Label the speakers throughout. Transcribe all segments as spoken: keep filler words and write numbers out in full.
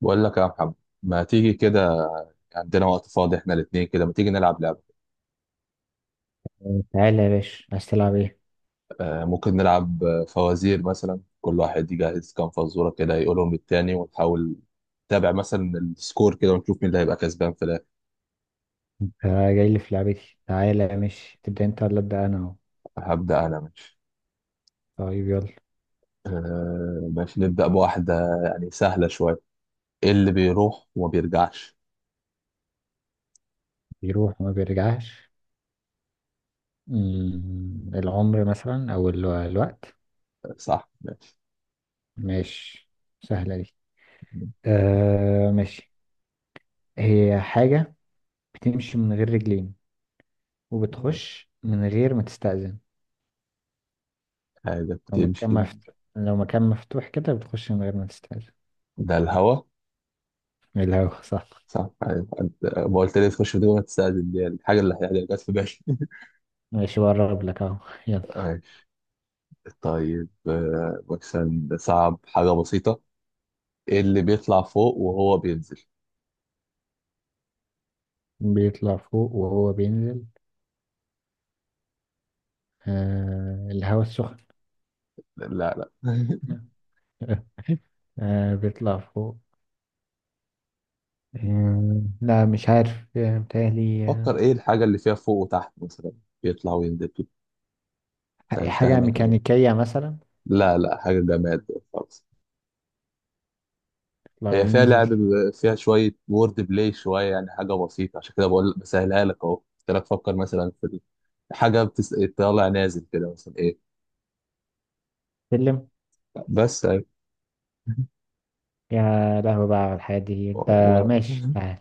Speaker 1: بقول لك يا محمد، ما تيجي كده؟ عندنا وقت فاضي احنا الاثنين، كده ما تيجي نلعب لعبة؟
Speaker 2: تعالى يا باشا، عايز تلعب ايه؟
Speaker 1: آه ممكن نلعب آه، فوازير مثلا، كل واحد يجهز كام فزورة كده يقولهم للتاني ونحاول نتابع مثلا السكور كده ونشوف مين اللي هيبقى كسبان في الاخر.
Speaker 2: آه، جاي لي في لعبتي. تعالى، ماشي، تبدأ انت ولا ابدأ انا اهو؟
Speaker 1: هبدأ انا. ماشي.
Speaker 2: طيب يلا.
Speaker 1: آه ماشي نبدأ بواحدة يعني سهلة شوية. ايه اللي بيروح وما بيرجعش؟
Speaker 2: بيروح وما بيرجعش؟ مم، العمر مثلا، او ال- الوقت.
Speaker 1: آه، صح ماشي.
Speaker 2: ماشي، سهلة دي. آه ماشي. هي حاجة بتمشي من غير رجلين، وبتخش من غير ما تستأذن.
Speaker 1: حاجة
Speaker 2: لو مكان
Speaker 1: بتمشي.
Speaker 2: مفتوح، لو مكان مفتوح كده بتخش من غير ما تستأذن.
Speaker 1: ده الهوا.
Speaker 2: إيه الهوا؟ صح.
Speaker 1: صح أيوة. أنت- ما قلت لي تخش في دي ما تستاذن، دي الحاجة اللي هي- اللي جت في بالي.
Speaker 2: ماشي، بقرب لك اهو. يلا.
Speaker 1: طيب، آه، مثلا صعب حاجة بسيطة. ايه اللي بيطلع فوق وهو بينزل؟
Speaker 2: بيطلع فوق وهو بينزل؟ آه الهوا السخن.
Speaker 1: لا، لا.
Speaker 2: آه، بيطلع فوق. آه، لا مش عارف، آه، متهيألي، آه،
Speaker 1: فكر، ايه الحاجة اللي فيها فوق وتحت مثلا، بيطلع وينزل كده. سهلتها
Speaker 2: حاجة
Speaker 1: لك أوي.
Speaker 2: ميكانيكية مثلا.
Speaker 1: لا، لا، حاجة جماد خالص.
Speaker 2: لو
Speaker 1: هي فيها لعب
Speaker 2: ينزل،
Speaker 1: ب- فيها شوية وورد بلاي شوية، يعني حاجة بسيطة عشان كده بقول بسهلها لك أهو. قلت لك فكر مثلا في ال- حاجة بتس... طالع نازل كده مثلا ايه؟
Speaker 2: سلم.
Speaker 1: بس أهي.
Speaker 2: يا لهوي بقى على الحياة دي انت.
Speaker 1: و-
Speaker 2: ماشي،
Speaker 1: و-
Speaker 2: تعال.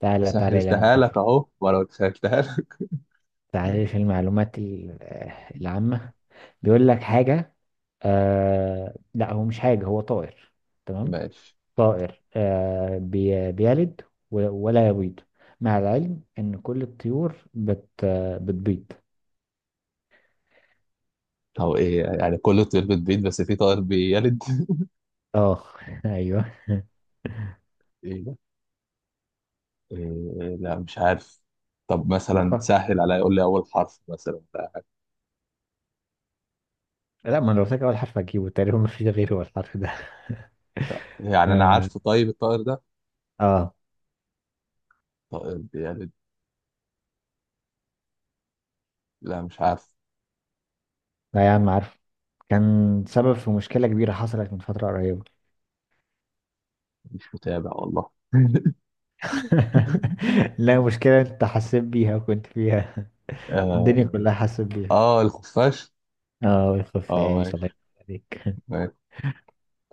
Speaker 2: تعالى تعالى اللي انا
Speaker 1: سهلتها لك
Speaker 2: بقفل.
Speaker 1: أهو، وأنا قلت سهلتها لك.
Speaker 2: تعالى في المعلومات ال- آه، العامة. بيقول لك حاجة؟ آه لا، هو مش حاجة، هو طائر. تمام.
Speaker 1: ماشي.
Speaker 2: طائر آه بي بيلد و- ولا يبيض، مع العلم ان كل الطيور بت آه، بتبيض.
Speaker 1: هو ايه يعني، كله طير بتبيض بس في طائر بيلد؟
Speaker 2: اه ايوه.
Speaker 1: ايه ده؟ إيه، لا مش عارف. طب
Speaker 2: ما
Speaker 1: مثلا
Speaker 2: فكر.
Speaker 1: سهل عليا، يقول لي اول حرف مثلا ولا حاجة.
Speaker 2: لا، ما انا قلت لك اول حرف هجيبه تقريبا، ما فيش غيره هو الحرف ده.
Speaker 1: لا، يعني انا
Speaker 2: اه.
Speaker 1: عارفه. طيب الطائر ده،
Speaker 2: آه.
Speaker 1: طائر بيلد؟ لا مش عارف.
Speaker 2: لا يا عم عارف. كان سبب في مشكلة كبيرة حصلت من فترة قريبة.
Speaker 1: مش متابع والله.
Speaker 2: لا، مشكلة انت حسيت بيها وكنت فيها.
Speaker 1: اه.
Speaker 2: الدنيا كلها حسيت بيها.
Speaker 1: آه، الخفاش.
Speaker 2: اه، يخف
Speaker 1: اه
Speaker 2: عيش،
Speaker 1: ماشي.
Speaker 2: الله يخف عليك.
Speaker 1: ماشي.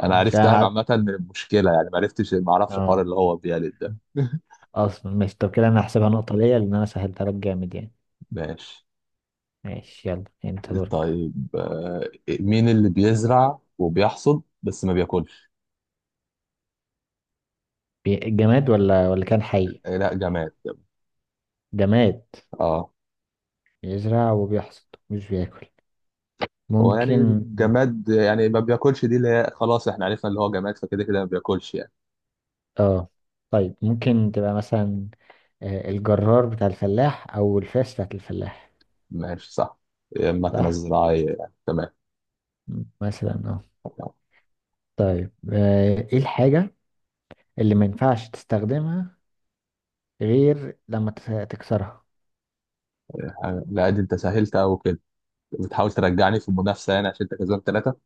Speaker 1: انا
Speaker 2: مش
Speaker 1: عرفتها
Speaker 2: عارف.
Speaker 1: عامة من المشكلة، يعني ما عرفتش ما اعرفش الحوار
Speaker 2: اه.
Speaker 1: اللي هو بيلد ده.
Speaker 2: اصلا ماشي. طب كده انا هحسبها نقطة ليا، لان انا سهلتها لك جامد يعني.
Speaker 1: ماشي.
Speaker 2: ماشي يلا، انت دورك.
Speaker 1: طيب، آه، مين اللي بيزرع وبيحصد بس ما بياكلش؟
Speaker 2: بي- جماد ولا ولا كان حي؟
Speaker 1: آه، لا، جماد.
Speaker 2: جماد.
Speaker 1: اه.
Speaker 2: بيزرع وبيحصد مش بياكل؟
Speaker 1: هو يعني
Speaker 2: ممكن.
Speaker 1: جماد يعني ما بياكلش، دي اللي هي خلاص احنا عرفنا اللي هو جماد فكده كده ما بياكلش يعني.
Speaker 2: اه. طيب ممكن تبقى مثلا آه، الجرار بتاع الفلاح، او الفاس بتاعت الفلاح.
Speaker 1: ماشي صح، المكنة
Speaker 2: صح.
Speaker 1: الزراعية يعني. تمام.
Speaker 2: مثلا اه. طيب، آه، ايه الحاجة اللي ما ينفعش تستخدمها غير لما تس- تكسرها؟
Speaker 1: آه، لا دي انت سهلت قوي كده. بتحاول ترجعني في المنافسة يعني عشان انت كسبان ثلاثة.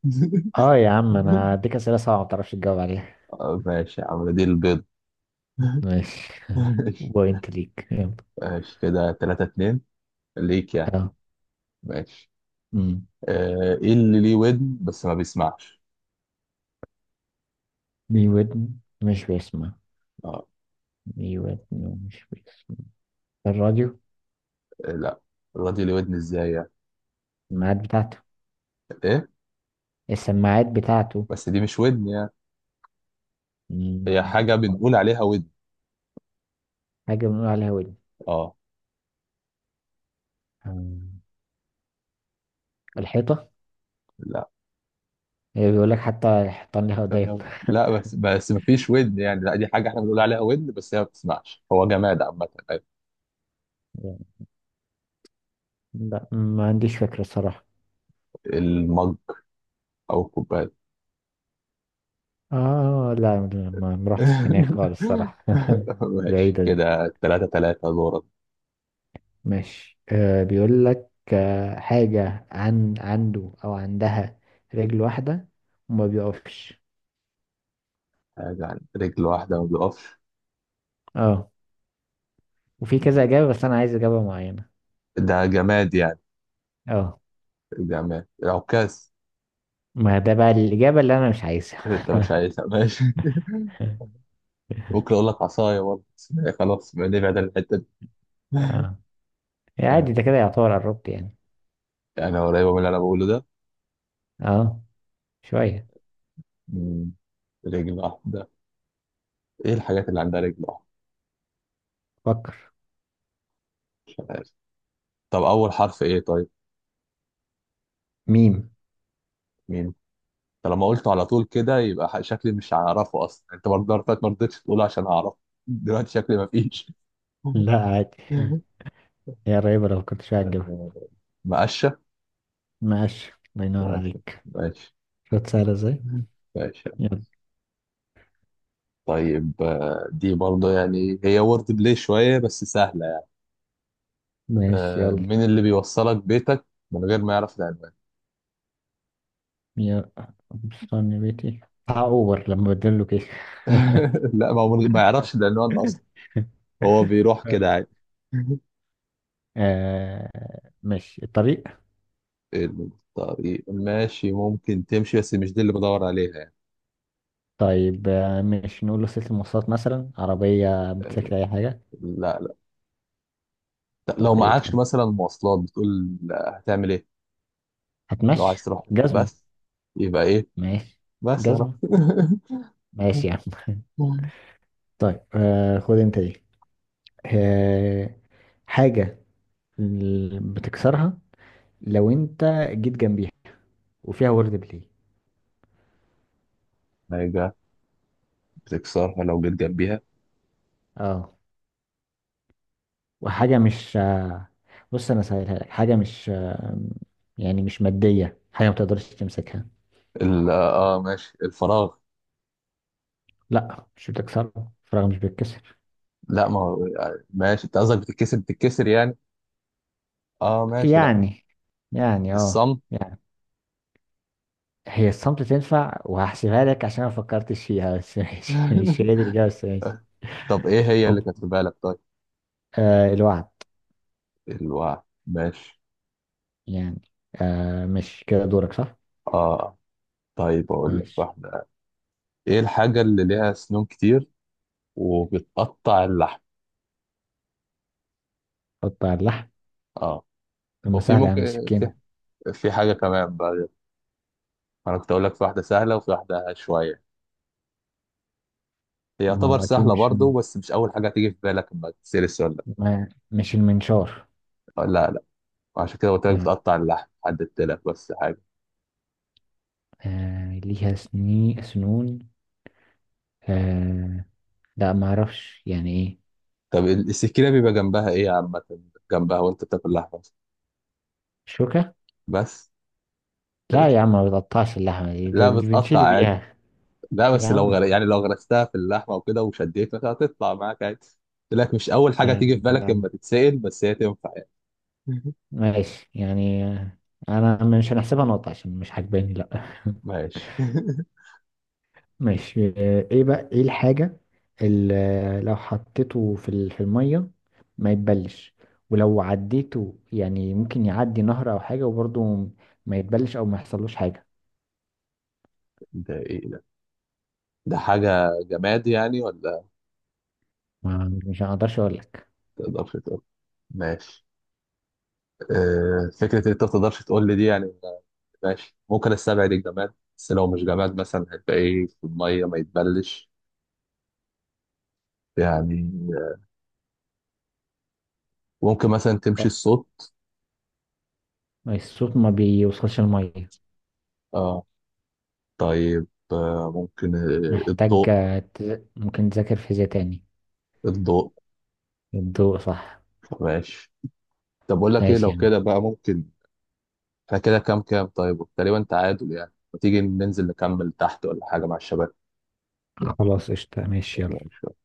Speaker 2: اه يا عم، انا اديك اسئلة صعبة ما تعرفش تجاوب عليها.
Speaker 1: آه، ماشي يا عم، دي البيض.
Speaker 2: ماشي.
Speaker 1: ماشي.
Speaker 2: بوينت ليك، يلا.
Speaker 1: ماشي كده، ثلاثة اتنين ليك يعني.
Speaker 2: اه.
Speaker 1: ماشي.
Speaker 2: أمم.
Speaker 1: آه، ايه اللي ليه ودن بس ما بيسمعش؟
Speaker 2: ليه ودن مش بيسمع.
Speaker 1: اه.
Speaker 2: ليه ودن ومش بيسمع. الراديو.
Speaker 1: آه، لا. الراجل ليه ودن ازاي يعني؟
Speaker 2: الميعاد بتاعته.
Speaker 1: ايه؟
Speaker 2: السماعات بتاعته.
Speaker 1: بس دي مش ودن يعني. هي
Speaker 2: مم،
Speaker 1: حاجه بنقول عليها ودن.
Speaker 2: حاجة بنقول عليها ودن.
Speaker 1: اه.
Speaker 2: مم، الحيطة.
Speaker 1: لا.
Speaker 2: هي بيقول لك حتى الحيطان لها ودايب.
Speaker 1: ثانية، لا، بس بس ما فيش ودن يعني، لا دي حاجه احنا بنقول عليها ودن بس هي ما بتسمعش، هو جماد عامه أيوة.
Speaker 2: لا، ما عنديش فكرة الصراحة.
Speaker 1: المج او الكوبايه.
Speaker 2: اه لا لا، ما ما رحتش هناك خالص الصراحة.
Speaker 1: ماشي.
Speaker 2: بعيدة دي.
Speaker 1: كده تلاتة تلاتة دورة.
Speaker 2: ماشي. آه بيقول لك آه حاجة عن عنده أو عندها رجل واحدة وما بيقفش.
Speaker 1: حاجة عن رجل واحدة ما بيقفش.
Speaker 2: اه، وفي كذا إجابة بس أنا عايز إجابة معينة.
Speaker 1: ده جماد يعني؟
Speaker 2: اه.
Speaker 1: جماد، عكاز.
Speaker 2: ما ده بقى الإجابة اللي أنا مش عايزها.
Speaker 1: انت مش عايزها، ماشي. ممكن اقول لك عصايه برضه بس، خلاص نبعد عن الحته دي.
Speaker 2: اه، عادي. ده
Speaker 1: آه،
Speaker 2: كده يعتبر قربت يعني.
Speaker 1: يعني انا قريبه من اللي انا بقوله ده.
Speaker 2: اه، شوية.
Speaker 1: مم، رجل واحده. ايه الحاجات اللي عندها رجل واحده؟
Speaker 2: فكر.
Speaker 1: مش عارف. طب اول حرف ايه طيب؟
Speaker 2: ميم.
Speaker 1: مين؟ طالما قلته على طول كده يبقى ح- شكلي مش هعرفه اصلا، انت برضه المرة اللي فاتت ما رضيتش تقوله عشان اعرفه. دلوقتي شكلي ما فيش.
Speaker 2: لا عادي، هي قريبة، لو كنت شوية هتجيبها.
Speaker 1: آه، مقشه.
Speaker 2: ماشي، الله ينور
Speaker 1: ماشي.
Speaker 2: عليك.
Speaker 1: ماشي.
Speaker 2: شوت سهلة ازاي.
Speaker 1: ماشي.
Speaker 2: يلا.
Speaker 1: طيب، آه، دي برضه يعني هي وورد بلاي شويه بس سهله.
Speaker 2: ماشي
Speaker 1: آه،
Speaker 2: يلا
Speaker 1: من اللي بيوصلك بيتك من غير ما يعرف العنوان؟
Speaker 2: يا. استني بيتي بتاع اوبر لما بدله كيك.
Speaker 1: لا، ما هو من- ما يعرفش العنوان اصلا، هو بيروح كده عادي.
Speaker 2: آه، ماشي الطريق.
Speaker 1: الطريق ماشي ممكن تمشي بس مش دي اللي بدور عليها يعني.
Speaker 2: طيب، آه، مش نقول له سلسلة مواصلات مثلا؟ عربية،
Speaker 1: آه،
Speaker 2: موتوسيكل، أي حاجة.
Speaker 1: لا، لا. لا،
Speaker 2: طب
Speaker 1: لو
Speaker 2: إيه
Speaker 1: معكش
Speaker 2: طيب.
Speaker 1: مثلا مواصلات بتقول لا، هتعمل ايه؟ لو
Speaker 2: هتمشي.
Speaker 1: عايز تروح
Speaker 2: جزمة.
Speaker 1: بس، يبقى ايه؟
Speaker 2: ماشي،
Speaker 1: بس يا رب.
Speaker 2: جزمة. ماشي يا عم. طيب آه، خد أنت دي. آه، حاجة ال- بتكسرها لو انت جيت جنبيها، وفيها وورد بلاي.
Speaker 1: حاجة بتكسرها لو جيت جنبيها؟
Speaker 2: اه، وحاجة مش آه، بص انا سهلها لك، حاجة مش آه، يعني مش مادية، حاجة ما تقدرش تمسكها.
Speaker 1: ال- اه ماشي، الفراغ.
Speaker 2: لا، مش بتكسرها، فراغ مش بيتكسر.
Speaker 1: لا ما هو، آه، ماشي انت قصدك بتتكسر، بتتكسر يعني. اه ماشي. لا.
Speaker 2: يعني يعني اه
Speaker 1: الصمت.
Speaker 2: يعني. هي الصمت تنفع، وهحسبها لك عشان انا ما فكرتش فيها، بس ماشي مش هي دي الإجابة، بس ماشي.
Speaker 1: طب ايه هي اللي
Speaker 2: أوك.
Speaker 1: كانت في بالك طيب؟
Speaker 2: آه، الوعد.
Speaker 1: الوعي. ماشي.
Speaker 2: يعني. آه، مش كده دورك صح؟
Speaker 1: اه. طيب اقول لك
Speaker 2: ماشي.
Speaker 1: واحده. ايه الحاجه اللي ليها سنون كتير وبتقطع اللحم؟
Speaker 2: حط على اللحم.
Speaker 1: اه.
Speaker 2: طب ما
Speaker 1: وفي،
Speaker 2: سهلة يا عم،
Speaker 1: ممكن، في
Speaker 2: السكينة.
Speaker 1: في حاجه كمان بقى. انا كنت اقول لك في واحده سهله وفي واحده شويه، هي
Speaker 2: ما
Speaker 1: يعتبر
Speaker 2: هو أكيد
Speaker 1: سهله
Speaker 2: مش،
Speaker 1: برضه بس مش اول حاجه تيجي في بالك لما تسال السؤال ده.
Speaker 2: ما مش المنشار.
Speaker 1: آه، لا، لا. عشان كده قلت لك
Speaker 2: يعني،
Speaker 1: بتقطع اللحم، حددت لك بس حاجه.
Speaker 2: آه ليها سني سنون. آه. لا ما أعرفش يعني إيه.
Speaker 1: طب السكينه بيبقى جنبها ايه عامه، جنبها وانت بتاكل لحمه
Speaker 2: شوكة.
Speaker 1: بس؟
Speaker 2: لا يا عم، ما بتقطعش اللحمة دي، ده
Speaker 1: لا
Speaker 2: دي
Speaker 1: بتقطع
Speaker 2: بنشيل
Speaker 1: عادي.
Speaker 2: بيها.
Speaker 1: لا
Speaker 2: يا
Speaker 1: بس لو
Speaker 2: عم.
Speaker 1: غر... يعني لو غرستها في اللحمه وكده وشديت مثلا هتطلع معاك عادي. قلت لك مش اول حاجه
Speaker 2: آه،
Speaker 1: تيجي في بالك
Speaker 2: آه،
Speaker 1: اما تتسأل، بس هي تنفع يعني.
Speaker 2: ماشي يعني آه، أنا مش هنحسبها نقطة عشان مش عاجباني، لا.
Speaker 1: ماشي.
Speaker 2: ماشي. آه، ايه بقى، ايه الحاجة اللي لو حطيته في ال- في المية ما يتبلش، ولو عديته يعني ممكن يعدي نهر او حاجة، وبرضه ما يتبلش او ما يحصلوش حاجة؟
Speaker 1: ده ايه ده؟ ده حاجه جماد يعني ولا؟
Speaker 2: ما مش هقدرش اقول لك.
Speaker 1: تقدرش تقول؟ ماشي. آه فكره إن انت ما تقدرش تقول لي دي يعني. ماشي، ممكن استبعد الجماد بس لو مش جماد مثلا هيبقى ايه في الميه ما يتبلش يعني؟ آه، ممكن مثلا تمشي الصوت.
Speaker 2: الصوت ما بيوصلش المية.
Speaker 1: اه. طيب، آه ممكن آه،
Speaker 2: محتاج
Speaker 1: الضوء.
Speaker 2: آه، تز- ممكن تذاكر فيزياء تاني.
Speaker 1: الضوء.
Speaker 2: الضوء، صح.
Speaker 1: ماشي. طب بقول لك ايه،
Speaker 2: ماشي
Speaker 1: لو
Speaker 2: يعني.
Speaker 1: كده بقى ممكن احنا كده كام كام طيب تقريبا تعادل يعني، ما تيجي ننزل نكمل تحت ولا حاجة مع
Speaker 2: خلاص قشطة، ماشي يلا.
Speaker 1: الشباب؟